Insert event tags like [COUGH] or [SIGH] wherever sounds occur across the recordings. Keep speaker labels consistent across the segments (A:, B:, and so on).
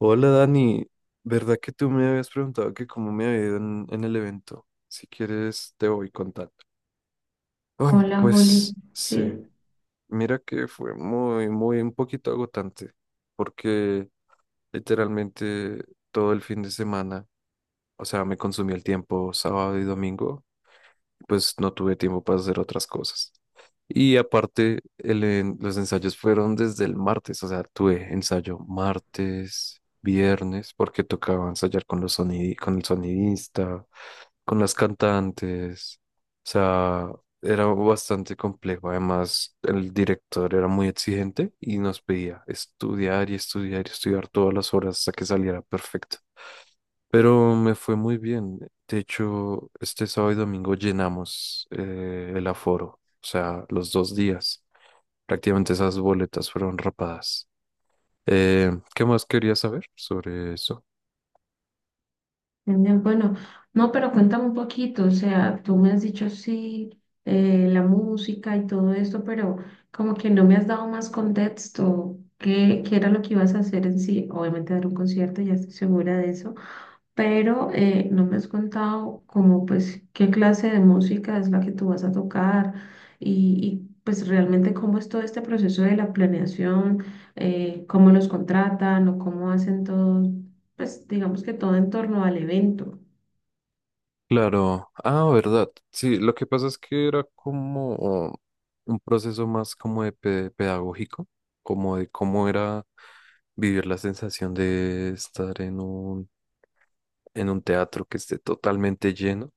A: Hola Dani, ¿verdad que tú me habías preguntado que cómo me había ido en el evento? Si quieres te voy contando. Ay,
B: Hola, Juli.
A: pues sí,
B: Sí,
A: mira que fue muy, un poquito agotante porque literalmente todo el fin de semana, o sea, me consumí el tiempo sábado y domingo, pues no tuve tiempo para hacer otras cosas. Y aparte, los ensayos fueron desde el martes, o sea, tuve ensayo martes, viernes, porque tocaba ensayar con los con el sonidista, con las cantantes, o sea, era bastante complejo. Además, el director era muy exigente y nos pedía estudiar y estudiar y estudiar todas las horas hasta que saliera perfecto. Pero me fue muy bien. De hecho, este sábado y domingo llenamos el aforo, o sea, los dos días. Prácticamente esas boletas fueron rapadas. Eh, ¿Qué más quería saber sobre eso?
B: bien, bueno. No, pero cuéntame un poquito, o sea, tú me has dicho sí, la música y todo esto, pero como que no me has dado más contexto. ¿Qué era lo que ibas a hacer en sí? Obviamente dar un concierto, ya estoy segura de eso, pero no me has contado como pues qué clase de música es la que tú vas a tocar pues realmente cómo es todo este proceso de la planeación, cómo los contratan o cómo hacen todo, pues digamos que todo en torno al evento.
A: Claro, ah, verdad. Sí, lo que pasa es que era como un proceso más como de pedagógico, como de cómo era vivir la sensación de estar en un teatro que esté totalmente lleno,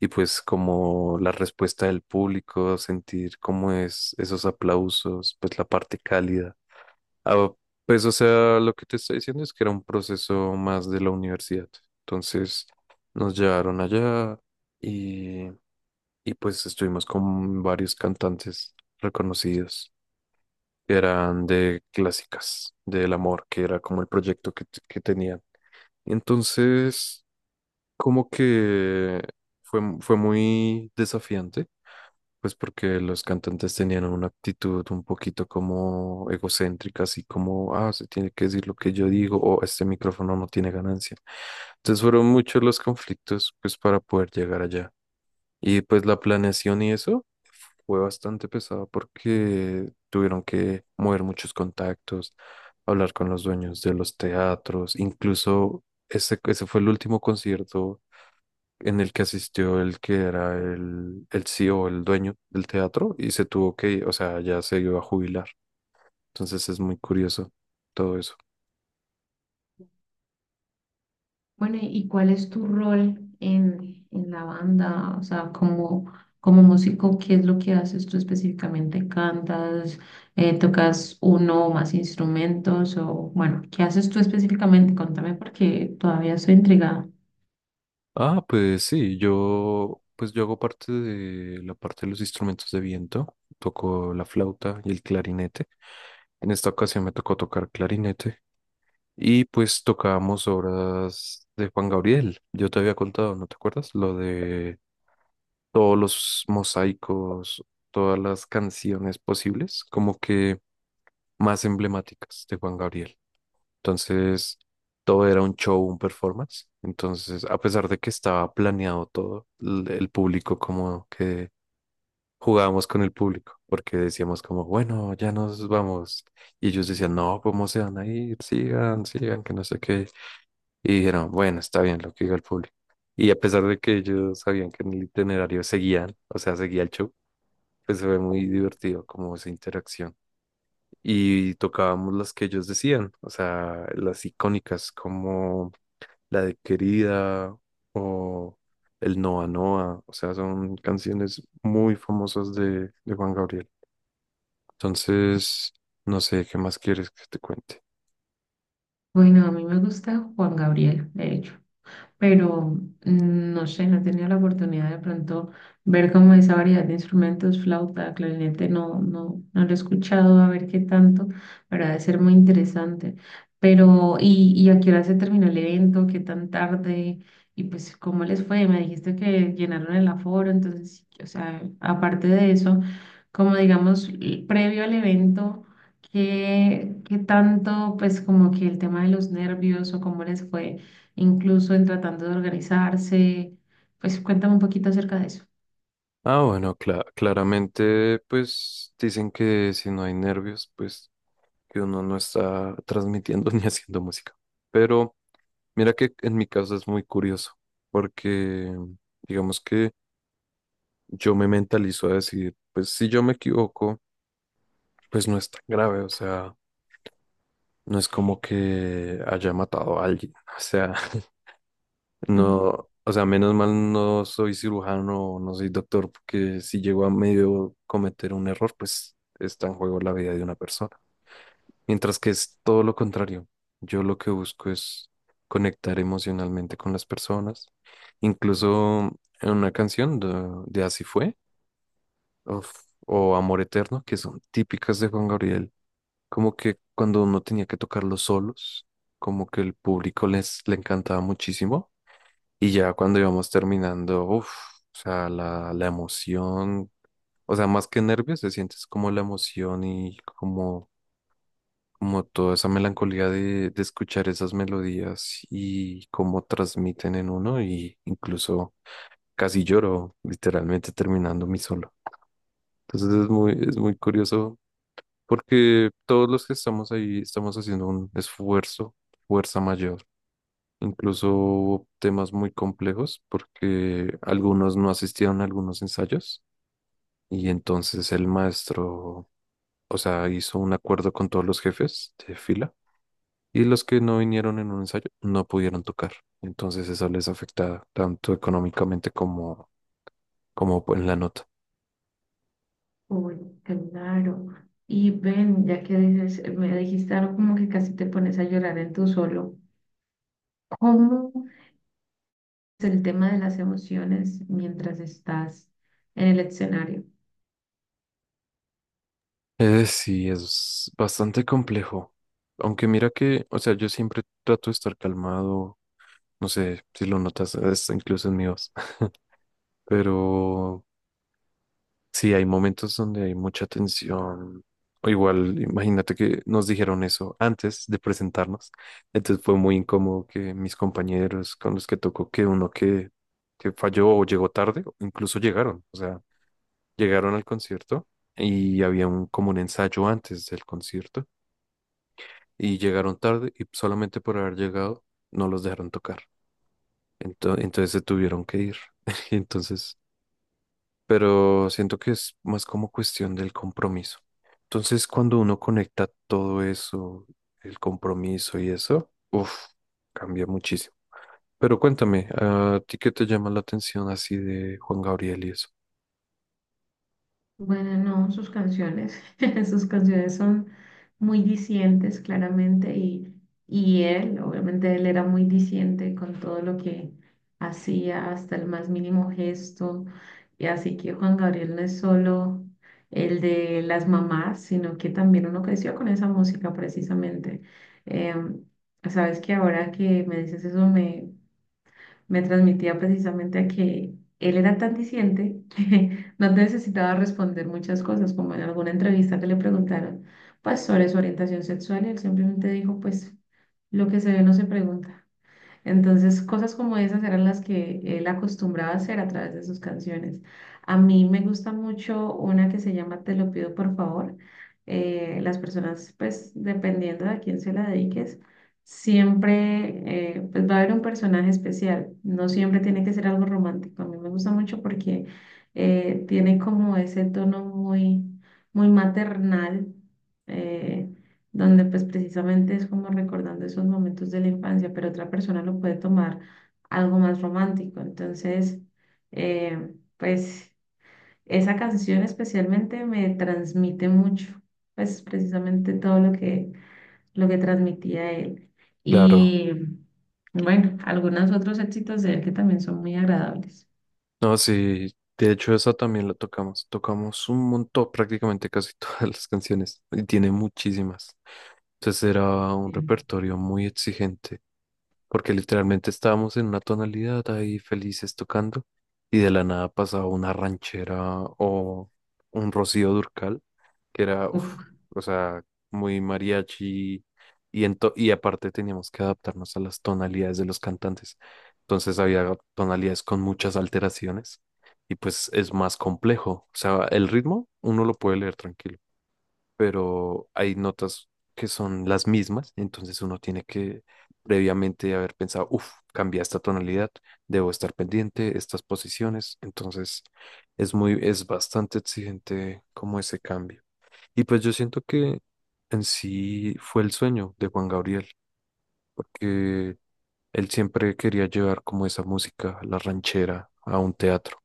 A: y pues como la respuesta del público, sentir cómo es esos aplausos, pues la parte cálida. Ah, pues o sea, lo que te está diciendo es que era un proceso más de la universidad. Entonces nos llevaron allá y, y pues estuvimos con varios cantantes reconocidos que eran de clásicas, del amor, que era como el proyecto que tenían. Entonces, como que fue, fue muy desafiante. Pues porque los cantantes tenían una actitud un poquito como egocéntrica, así como, ah, se tiene que decir lo que yo digo o este micrófono no tiene ganancia. Entonces fueron muchos los conflictos pues para poder llegar allá. Y pues la planeación y eso fue bastante pesada porque tuvieron que mover muchos contactos, hablar con los dueños de los teatros, incluso ese fue el último concierto en el que asistió el que era el CEO, el dueño del teatro, y se tuvo que ir, o sea, ya se iba a jubilar. Entonces es muy curioso todo eso.
B: Bueno, ¿y cuál es tu rol en la banda? O sea, como, como músico, ¿qué es lo que haces tú específicamente? ¿Cantas? ¿Tocas uno o más instrumentos? O bueno, ¿qué haces tú específicamente? Contame porque todavía estoy intrigada.
A: Ah, pues sí, pues yo hago parte de la parte de los instrumentos de viento, toco la flauta y el clarinete. En esta ocasión me tocó tocar clarinete y pues tocábamos obras de Juan Gabriel. Yo te había contado, ¿no te acuerdas? Lo de todos los mosaicos, todas las canciones posibles, como que más emblemáticas de Juan Gabriel. Entonces, todo era un show, un performance. Entonces, a pesar de que estaba planeado todo, el público como que jugábamos con el público, porque decíamos como, bueno, ya nos vamos. Y ellos decían, no, ¿cómo se van a ir? Sigan, sigan, que no sé qué. Y dijeron, bueno, está bien lo que diga el público. Y a pesar de que ellos sabían que en el itinerario seguían, o sea, seguía el show, pues se ve muy divertido como esa interacción. Y tocábamos las que ellos decían, o sea, las icónicas como la de Querida o el Noa Noa, o sea, son canciones muy famosas de Juan Gabriel. Entonces, no sé, ¿qué más quieres que te cuente?
B: Bueno, a mí me gusta Juan Gabriel, de hecho. Pero mm, no sé, no he tenido la oportunidad de pronto ver como esa variedad de instrumentos, flauta, clarinete, no, no, no lo he escuchado, a ver qué tanto, pero ha de ser muy interesante. Pero, ¿y a qué hora se terminó el evento? ¿Qué tan tarde? Y pues, ¿cómo les fue? Me dijiste que llenaron el aforo, entonces, o sea, aparte de eso, como digamos, previo al evento, ¿qué tanto, pues, como que el tema de los nervios o cómo les fue, incluso en tratando de organizarse? Pues cuéntame un poquito acerca de eso.
A: Ah, bueno, claramente, pues dicen que si no hay nervios, pues que uno no está transmitiendo [LAUGHS] ni haciendo música. Pero mira que en mi caso es muy curioso, porque digamos que yo me mentalizo a decir, pues si yo me equivoco, pues no es tan grave, o sea, no es como que haya matado a alguien, o sea, [LAUGHS]
B: Ujú.
A: no, o sea, menos mal no soy cirujano, no soy doctor, porque si llego a medio cometer un error, pues está en juego la vida de una persona. Mientras que es todo lo contrario. Yo lo que busco es conectar emocionalmente con las personas. Incluso en una canción de Así fue, uf, o Amor Eterno, que son típicas de Juan Gabriel, como que cuando uno tenía que tocar los solos, como que el público les le encantaba muchísimo. Y ya cuando íbamos terminando, uff, o sea, la emoción, o sea, más que nervios, se sientes como la emoción y como toda esa melancolía de escuchar esas melodías y cómo transmiten en uno, y incluso casi lloro literalmente terminando mi solo. Entonces es muy curioso porque todos los que estamos ahí estamos haciendo un esfuerzo, fuerza mayor. Incluso hubo temas muy complejos porque algunos no asistieron a algunos ensayos y entonces el maestro, o sea, hizo un acuerdo con todos los jefes de fila. Y los que no vinieron en un ensayo no pudieron tocar. Entonces eso les afecta tanto económicamente como en la nota.
B: Uy, claro. Y ven, ya que dices, me dijiste algo como que casi te pones a llorar en tu solo. ¿Cómo es el tema de las emociones mientras estás en el escenario?
A: Sí, es bastante complejo. Aunque mira que, o sea, yo siempre trato de estar calmado. No sé si lo notas, es incluso en mi voz. [LAUGHS] Pero sí, hay momentos donde hay mucha tensión. O igual, imagínate que nos dijeron eso antes de presentarnos. Entonces fue muy incómodo que mis compañeros con los que tocó, que falló o llegó tarde, o incluso llegaron. O sea, llegaron al concierto y había como un ensayo antes del concierto y llegaron tarde y solamente por haber llegado no los dejaron tocar. Entonces, se tuvieron que ir. [LAUGHS] Entonces pero siento que es más como cuestión del compromiso. Entonces, cuando uno conecta todo eso, el compromiso y eso, uff, cambia muchísimo. Pero cuéntame, ¿a ti qué te llama la atención así de Juan Gabriel y eso?
B: Bueno, no, sus canciones, [LAUGHS] sus canciones son muy dicientes, claramente, y él, obviamente, él era muy diciente con todo lo que hacía, hasta el más mínimo gesto, y así que Juan Gabriel no es solo el de las mamás, sino que también uno creció con esa música, precisamente. Em, sabes que ahora que me dices eso, me transmitía precisamente a que él era tan disidente que [LAUGHS] no necesitaba responder muchas cosas, como en alguna entrevista que le preguntaron, pues sobre su orientación sexual, y él simplemente dijo, pues lo que se ve no se pregunta. Entonces, cosas como esas eran las que él acostumbraba a hacer a través de sus canciones. A mí me gusta mucho una que se llama Te lo pido por favor. Las personas, pues, dependiendo de a quién se la dediques, siempre pues, va a haber un personaje especial. No siempre tiene que ser algo romántico. A mí me gusta mucho porque tiene como ese tono muy, muy maternal, eh, donde pues precisamente es como recordando esos momentos de la infancia, pero otra persona lo puede tomar algo más romántico. Entonces, pues esa canción especialmente me transmite mucho, pues precisamente todo lo que transmitía él.
A: Claro,
B: Y bueno, algunos otros éxitos de él que también son muy agradables.
A: no, sí, de hecho esa también la tocamos, tocamos un montón, prácticamente casi [LAUGHS] todas las canciones, y tiene muchísimas. Entonces era un
B: Sí.
A: repertorio muy exigente. Porque literalmente estábamos en una tonalidad ahí felices tocando y de la nada pasaba una ranchera o un Rocío Durcal, que era, uf,
B: Uf,
A: o sea, muy mariachi y, y aparte teníamos que adaptarnos a las tonalidades de los cantantes. Entonces había tonalidades con muchas alteraciones y pues es más complejo. O sea, el ritmo uno lo puede leer tranquilo, pero hay notas que son las mismas, entonces uno tiene que previamente haber pensado, uff, cambia esta tonalidad, debo estar pendiente, estas posiciones, entonces es bastante exigente como ese cambio. Y pues yo siento que en sí fue el sueño de Juan Gabriel, porque él siempre quería llevar como esa música, la ranchera, a un teatro,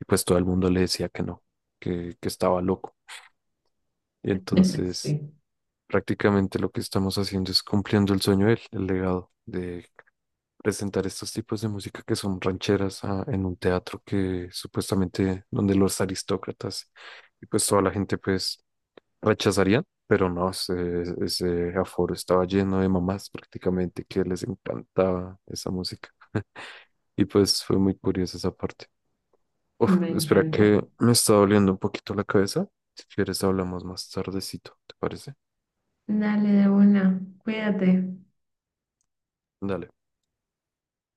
A: y pues todo el mundo le decía que no, que estaba loco. Y
B: [LAUGHS]
A: entonces
B: sí,
A: prácticamente lo que estamos haciendo es cumpliendo el sueño de él, el legado de presentar estos tipos de música que son rancheras, ah, en un teatro que supuestamente donde los aristócratas y pues toda la gente pues rechazarían, pero no, ese aforo estaba lleno de mamás prácticamente que les encantaba esa música. [LAUGHS] Y pues fue muy curiosa esa parte. Uf,
B: me
A: espera
B: encanta.
A: que me está doliendo un poquito la cabeza. Si quieres hablamos más tardecito, ¿te parece?
B: Dale de una, cuídate.
A: Dale.